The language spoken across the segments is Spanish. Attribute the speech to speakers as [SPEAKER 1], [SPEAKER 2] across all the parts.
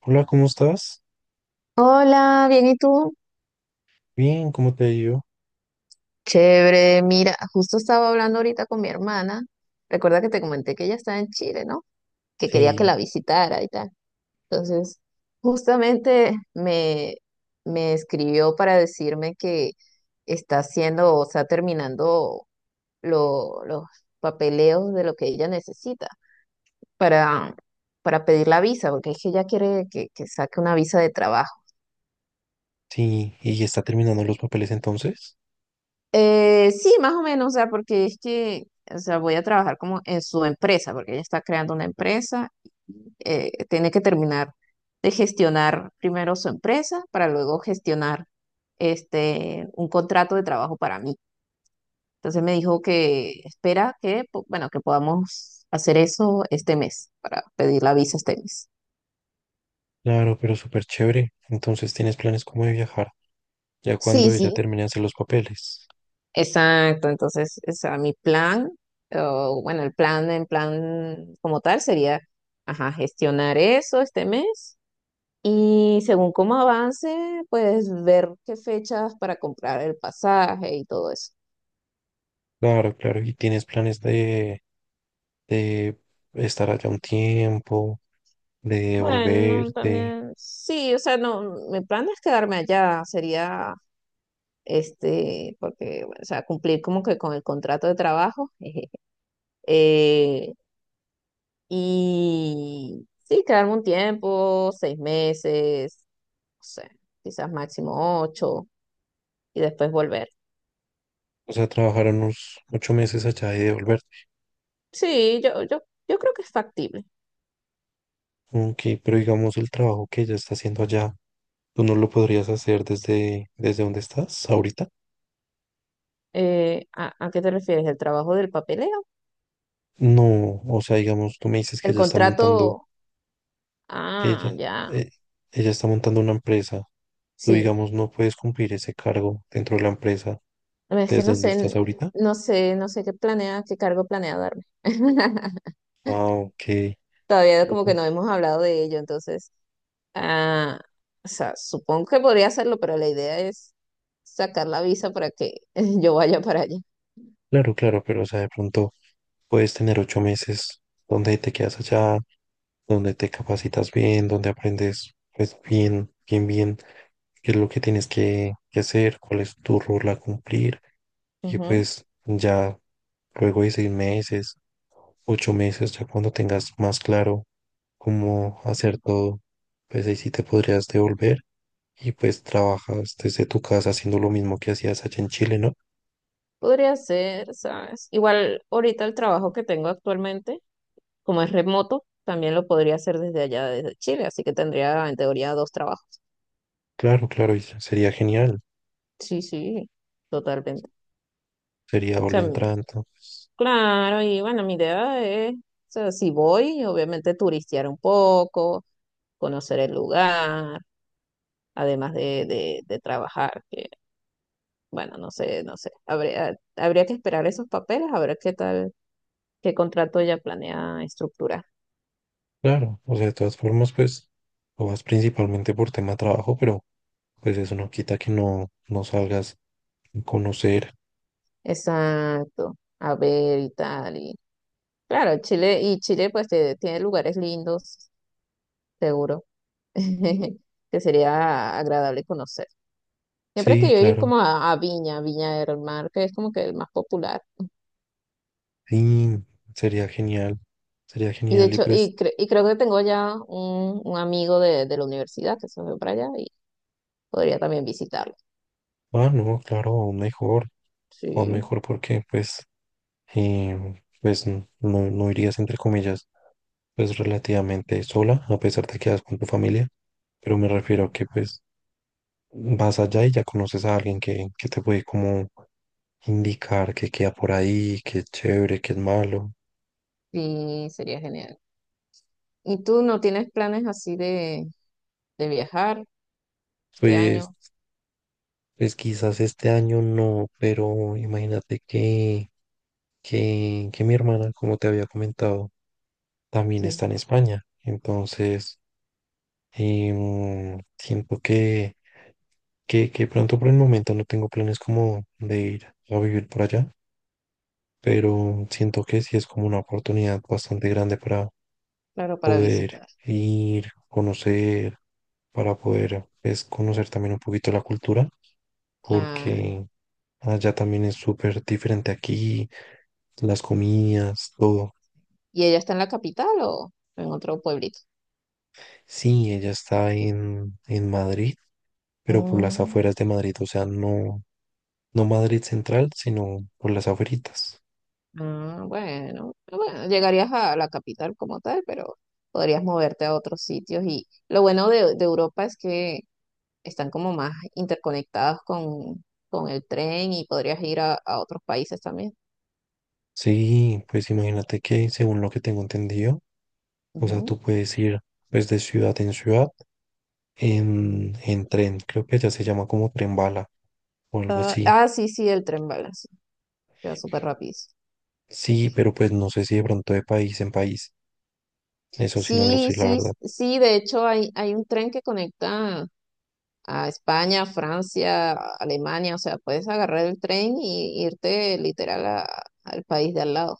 [SPEAKER 1] Hola, ¿cómo estás?
[SPEAKER 2] Hola, bien, ¿y tú?
[SPEAKER 1] Bien, ¿cómo te ha ido?
[SPEAKER 2] Chévere, mira, justo estaba hablando ahorita con mi hermana. Recuerda que te comenté que ella está en Chile, ¿no? Que quería que
[SPEAKER 1] Sí,
[SPEAKER 2] la visitara y tal. Entonces, justamente me, me escribió para decirme que está haciendo, o sea, terminando los papeleos de lo que ella necesita para, para pedir la visa, porque es que ella quiere que saque una visa de trabajo.
[SPEAKER 1] sí, y ya está terminando los papeles entonces.
[SPEAKER 2] Sí, más o menos, o sea, o sea, voy a trabajar como en su empresa, porque ella está creando una empresa. Tiene que terminar de gestionar primero su empresa para luego gestionar un contrato de trabajo para mí. Entonces me dijo que espera que, bueno, que podamos hacer eso este mes, para pedir la visa este mes.
[SPEAKER 1] Claro, pero súper chévere. Entonces tienes planes como de viajar, ya
[SPEAKER 2] Sí,
[SPEAKER 1] cuando ella
[SPEAKER 2] sí.
[SPEAKER 1] termine de hacer los papeles.
[SPEAKER 2] Exacto, entonces, o sea, mi plan, o bueno, el plan, en plan como tal sería, ajá, gestionar eso este mes y según cómo avance, pues ver qué fechas para comprar el pasaje y todo eso.
[SPEAKER 1] Claro, claro, y tienes planes de estar allá un tiempo, de
[SPEAKER 2] Bueno,
[SPEAKER 1] volverte.
[SPEAKER 2] también, sí, o sea, no, mi plan no es quedarme allá, sería, porque, bueno, o sea, cumplir como que con el contrato de trabajo, eh, y sí, quedarme un tiempo, 6 meses, no sé, quizás máximo 8 y después volver.
[SPEAKER 1] O sea, trabajar unos 8 meses allá y devolverte.
[SPEAKER 2] Sí, yo creo que es factible.
[SPEAKER 1] Ok, pero digamos el trabajo que ella está haciendo allá, ¿tú no lo podrías hacer desde donde estás ahorita?
[SPEAKER 2] A qué te refieres? ¿El trabajo del papeleo?
[SPEAKER 1] No, o sea, digamos, tú me dices que
[SPEAKER 2] ¿El
[SPEAKER 1] ella está montando,
[SPEAKER 2] contrato?
[SPEAKER 1] que
[SPEAKER 2] Ah,
[SPEAKER 1] ella,
[SPEAKER 2] ya,
[SPEAKER 1] eh, ella está montando una empresa. Tú,
[SPEAKER 2] sí.
[SPEAKER 1] digamos, no puedes cumplir ese cargo dentro de la empresa
[SPEAKER 2] Es que
[SPEAKER 1] desde
[SPEAKER 2] no
[SPEAKER 1] donde estás
[SPEAKER 2] sé,
[SPEAKER 1] ahorita.
[SPEAKER 2] no sé qué planea, qué cargo planea darme.
[SPEAKER 1] Ah, ok.
[SPEAKER 2] Todavía
[SPEAKER 1] Pero
[SPEAKER 2] como que
[SPEAKER 1] pues,
[SPEAKER 2] no hemos hablado de ello, entonces, ah, o sea, supongo que podría hacerlo, pero la idea es sacar la visa para que yo vaya para allá.
[SPEAKER 1] claro, claro, pero o sea, de pronto puedes tener 8 meses donde te quedas allá, donde te capacitas bien, donde aprendes, pues, bien, qué es lo que tienes que hacer, cuál es tu rol a cumplir. Y
[SPEAKER 2] Ujú.
[SPEAKER 1] pues ya luego de 6 meses 8 meses, ya cuando tengas más claro cómo hacer todo, pues ahí sí te podrías devolver y pues trabajas desde tu casa haciendo lo mismo que hacías allá en Chile, ¿no?
[SPEAKER 2] Podría ser, ¿sabes? Igual ahorita el trabajo que tengo actualmente, como es remoto, también lo podría hacer desde allá, desde Chile, así que tendría en teoría dos trabajos.
[SPEAKER 1] Claro, claro, y sería genial,
[SPEAKER 2] Sí, sí, totalmente. O
[SPEAKER 1] sería doble
[SPEAKER 2] sea,
[SPEAKER 1] entrante, pues,
[SPEAKER 2] claro, y bueno, mi idea es, o sea, si voy, obviamente turistear un poco, conocer el lugar, además de trabajar, que bueno, no sé, no sé. Habría que esperar esos papeles, a ver qué tal, qué contrato ella planea estructurar.
[SPEAKER 1] claro, o sea, de todas formas, pues lo vas principalmente por tema trabajo, pero pues eso no quita que no salgas a conocer.
[SPEAKER 2] Exacto, a ver y tal. Y claro, Chile, y Chile pues tiene lugares lindos, seguro, que sería agradable conocer. Siempre he
[SPEAKER 1] Sí,
[SPEAKER 2] querido ir
[SPEAKER 1] claro,
[SPEAKER 2] como a Viña, Viña del Mar, que es como que el más popular.
[SPEAKER 1] sí, sería genial, sería
[SPEAKER 2] Y de
[SPEAKER 1] genial y
[SPEAKER 2] hecho,
[SPEAKER 1] pues,
[SPEAKER 2] y creo que tengo ya un amigo de la universidad que se fue para allá. Podría también visitarlo.
[SPEAKER 1] ah, no, claro, aún
[SPEAKER 2] Sí,
[SPEAKER 1] mejor porque pues pues no irías entre comillas, pues relativamente sola, a pesar de que vas con tu familia, pero me refiero a que pues vas allá y ya conoces a alguien que te puede como indicar que queda por ahí, que es chévere, que es malo.
[SPEAKER 2] sí, sería genial. ¿Y tú no tienes planes así de viajar este
[SPEAKER 1] Pues,
[SPEAKER 2] año?
[SPEAKER 1] pues quizás este año no, pero imagínate que, que mi hermana, como te había comentado, también
[SPEAKER 2] Sí,
[SPEAKER 1] está en España. Entonces, siento que que pronto por el momento no tengo planes como de ir a vivir por allá, pero siento que sí es como una oportunidad bastante grande para
[SPEAKER 2] claro, para
[SPEAKER 1] poder
[SPEAKER 2] visitar.
[SPEAKER 1] ir, conocer, para poder pues, conocer también un poquito la cultura,
[SPEAKER 2] Claro.
[SPEAKER 1] porque allá también es súper diferente aquí, las comidas, todo.
[SPEAKER 2] ¿Y ella está en la capital o en otro pueblito?
[SPEAKER 1] Sí, ella está en Madrid, pero por las
[SPEAKER 2] Mm,
[SPEAKER 1] afueras de Madrid, o sea, no, no Madrid central, sino por las afueritas.
[SPEAKER 2] ah, bueno, ah, bueno, llegarías a la capital como tal, pero podrías moverte a otros sitios. Y lo bueno de Europa es que están como más interconectados con el tren y podrías ir a otros países también.
[SPEAKER 1] Sí, pues imagínate que según lo que tengo entendido, o sea, tú puedes ir pues de ciudad en ciudad en tren, creo que ya se llama como tren bala o algo así.
[SPEAKER 2] Sí, sí, el tren bala, sí, queda súper rápido.
[SPEAKER 1] Sí, pero pues no sé si de pronto de país en país, eso sí no lo
[SPEAKER 2] Sí,
[SPEAKER 1] sé, la
[SPEAKER 2] sí,
[SPEAKER 1] verdad.
[SPEAKER 2] sí, de hecho hay un tren que conecta a España, Francia, Alemania. O sea, puedes agarrar el tren y irte literal al país de al lado.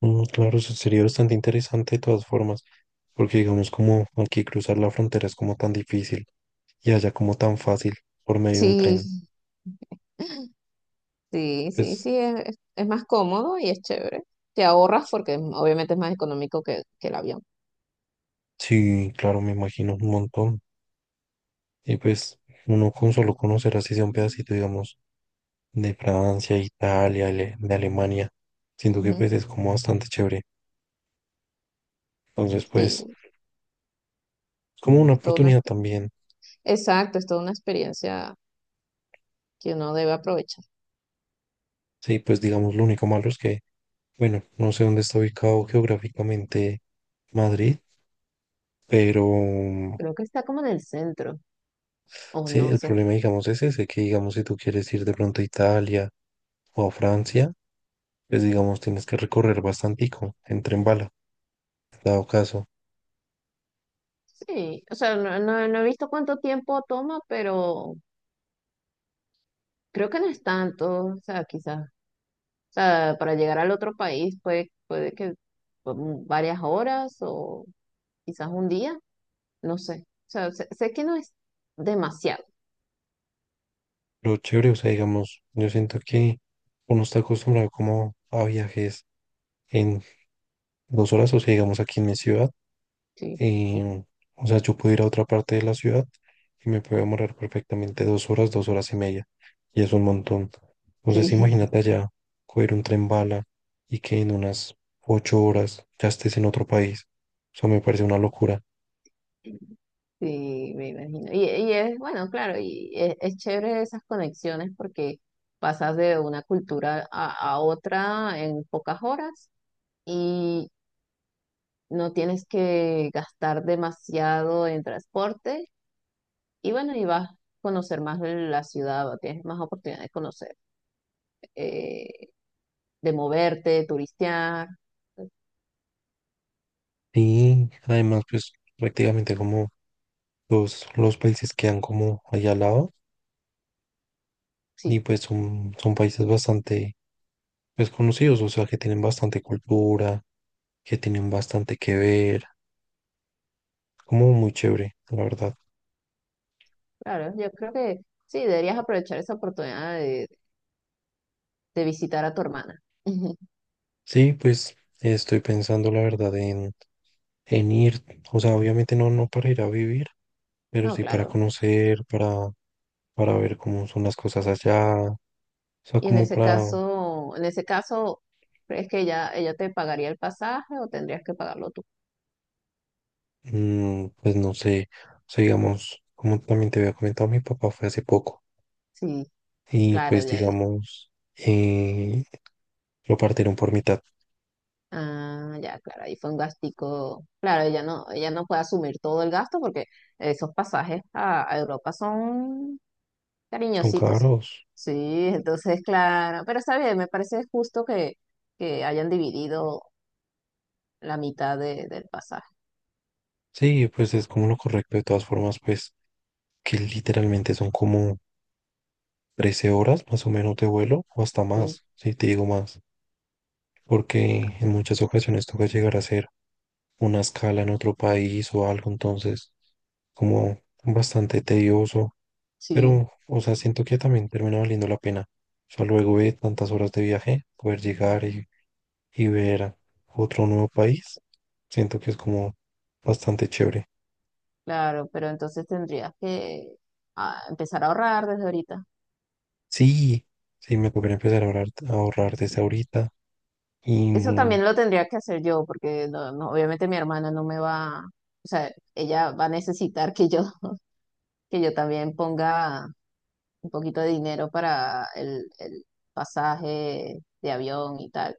[SPEAKER 1] Mm, claro, eso sería bastante interesante de todas formas, porque digamos como aquí cruzar la frontera es como tan difícil y allá como tan fácil por medio de un tren.
[SPEAKER 2] Sí, sí, sí,
[SPEAKER 1] Pues
[SPEAKER 2] sí, es más cómodo y es chévere. Te ahorras porque obviamente es más económico que el avión.
[SPEAKER 1] sí, claro, me imagino un montón. Y pues uno con solo conocer así sea un pedacito, digamos, de Francia, Italia, de Alemania, siento que
[SPEAKER 2] Ujú.
[SPEAKER 1] pues es como bastante chévere. Entonces pues
[SPEAKER 2] Sí,
[SPEAKER 1] es como una
[SPEAKER 2] es toda una,
[SPEAKER 1] oportunidad también.
[SPEAKER 2] exacto, es toda una experiencia que uno debe aprovechar.
[SPEAKER 1] Sí, pues digamos lo único malo es que, bueno, no sé dónde está ubicado geográficamente Madrid, pero
[SPEAKER 2] Creo que está como en el centro, o
[SPEAKER 1] sí,
[SPEAKER 2] no
[SPEAKER 1] el
[SPEAKER 2] sé.
[SPEAKER 1] problema digamos es ese, que digamos si tú quieres ir de pronto a Italia o a Francia, pues digamos tienes que recorrer bastantico en tren bala, dado caso.
[SPEAKER 2] Sí, o sea, no he visto cuánto tiempo toma, pero creo que no es tanto, o sea, quizás, o sea, para llegar al otro país puede que varias horas o quizás un día, no sé, o sea, sé que no es demasiado,
[SPEAKER 1] Lo chévere, o sea, digamos, yo siento que uno está acostumbrado como a viajes en 2 horas, o sea, digamos aquí en mi ciudad,
[SPEAKER 2] sí,
[SPEAKER 1] em, o sea, yo puedo ir a otra parte de la ciudad y me puedo demorar perfectamente 2 horas, 2 horas y media, y es un montón. Entonces,
[SPEAKER 2] sí,
[SPEAKER 1] imagínate allá, coger un tren bala y que en unas 8 horas ya estés en otro país, o sea, me parece una locura.
[SPEAKER 2] sí, me imagino. Y es, bueno, claro, es chévere esas conexiones porque pasas de una cultura a otra en pocas horas. No tienes que gastar demasiado en transporte y bueno, y vas a conocer más de la ciudad, tienes más oportunidad de conocer, eh, de moverte, de turistear.
[SPEAKER 1] Y además, pues prácticamente como todos los países quedan como allá al lado. Y
[SPEAKER 2] Sí,
[SPEAKER 1] pues son, son países bastante pues, conocidos, o sea, que tienen bastante cultura, que tienen bastante que ver, como muy chévere, la verdad.
[SPEAKER 2] claro, yo creo que sí, deberías aprovechar esa oportunidad de visitar a tu hermana.
[SPEAKER 1] Sí, pues estoy pensando, la verdad, en ir, o sea, obviamente no, no para ir a vivir, pero
[SPEAKER 2] No,
[SPEAKER 1] sí para
[SPEAKER 2] claro.
[SPEAKER 1] conocer, para ver cómo son las cosas allá, o sea,
[SPEAKER 2] Y
[SPEAKER 1] como para,
[SPEAKER 2] en ese caso, ¿crees que ella te pagaría el pasaje o tendrías que pagarlo tú?
[SPEAKER 1] mm, pues no sé, o sea, digamos, como también te había comentado, mi papá fue hace poco
[SPEAKER 2] Sí,
[SPEAKER 1] y
[SPEAKER 2] claro,
[SPEAKER 1] pues
[SPEAKER 2] ya.
[SPEAKER 1] digamos, eh, lo partieron por mitad.
[SPEAKER 2] Ah, ya, claro, ahí fue un gastico. Claro, ella no puede asumir todo el gasto porque esos pasajes a Europa son
[SPEAKER 1] Son
[SPEAKER 2] cariñositos.
[SPEAKER 1] caros.
[SPEAKER 2] Sí, entonces, claro, pero está bien, me parece justo que hayan dividido la mitad del pasaje.
[SPEAKER 1] Sí, pues es como lo correcto. De todas formas, pues que literalmente son como 13 horas más o menos de vuelo o hasta
[SPEAKER 2] Sí,
[SPEAKER 1] más, si te digo más. Porque en muchas ocasiones toca llegar a hacer una escala en otro país o algo, entonces como bastante tedioso.
[SPEAKER 2] sí,
[SPEAKER 1] Pero, o sea, siento que también termina valiendo la pena. O sea, luego de tantas horas de viaje, poder llegar y ver otro nuevo país, siento que es como bastante chévere.
[SPEAKER 2] claro, pero entonces tendrías que ah, empezar a ahorrar desde ahorita.
[SPEAKER 1] Sí, sí, me tocaría empezar a ahorrar desde
[SPEAKER 2] Sí.
[SPEAKER 1] ahorita. Y
[SPEAKER 2] Eso también lo tendría que hacer yo porque no, obviamente mi hermana no me va, o sea, ella va a necesitar que yo también ponga un poquito de dinero para el pasaje de avión y tal,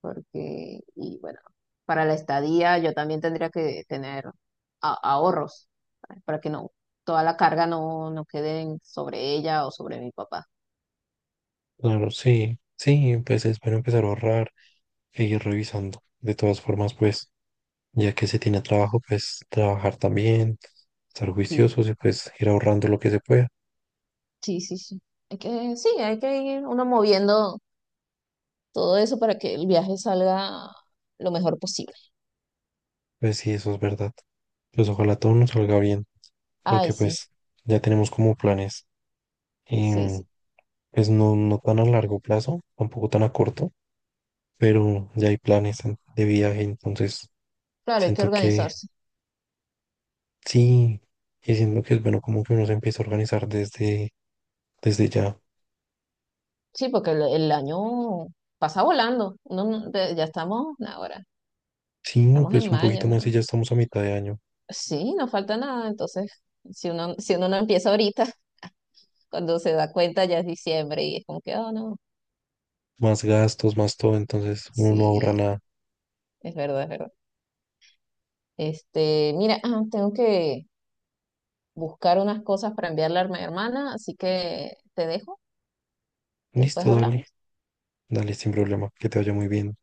[SPEAKER 2] porque, y bueno, para la estadía yo también tendría que tener ahorros, ¿sabes? Para que no, toda la carga no, no quede sobre ella o sobre mi papá.
[SPEAKER 1] claro, sí, sí, pues es bueno empezar a ahorrar e ir revisando. De todas formas, pues, ya que se tiene trabajo, pues trabajar también, estar
[SPEAKER 2] Sí,
[SPEAKER 1] juiciosos y pues ir ahorrando lo que se pueda.
[SPEAKER 2] sí, sí, sí. Hay que, sí, hay que ir uno moviendo todo eso para que el viaje salga lo mejor posible.
[SPEAKER 1] Pues sí, eso es verdad. Pues ojalá todo nos salga bien,
[SPEAKER 2] Ay,
[SPEAKER 1] porque
[SPEAKER 2] sí,
[SPEAKER 1] pues ya tenemos como planes,
[SPEAKER 2] sí, sí.
[SPEAKER 1] em, pues no, no tan a largo plazo, tampoco tan a corto, pero ya hay planes de viaje, entonces
[SPEAKER 2] Claro, hay que
[SPEAKER 1] siento que
[SPEAKER 2] organizarse.
[SPEAKER 1] Sí, y siento que es bueno como que uno se empieza a organizar desde, desde ya.
[SPEAKER 2] Sí, porque el año pasa volando. Uno ya estamos ahora,
[SPEAKER 1] Sí,
[SPEAKER 2] estamos en
[SPEAKER 1] pues un
[SPEAKER 2] mayo,
[SPEAKER 1] poquito más
[SPEAKER 2] ¿no?
[SPEAKER 1] y ya estamos a mitad de año.
[SPEAKER 2] Sí, no falta nada. Entonces, si uno no empieza ahorita, cuando se da cuenta ya es diciembre y es como que, oh, no.
[SPEAKER 1] Más gastos, más todo, entonces uno no ahorra
[SPEAKER 2] Sí,
[SPEAKER 1] nada.
[SPEAKER 2] es verdad, es verdad. Este, mira, ah, tengo que buscar unas cosas para enviarle a mi hermana, así que te dejo y después
[SPEAKER 1] Listo, dale,
[SPEAKER 2] hablamos.
[SPEAKER 1] dale sin problema, que te vaya muy bien.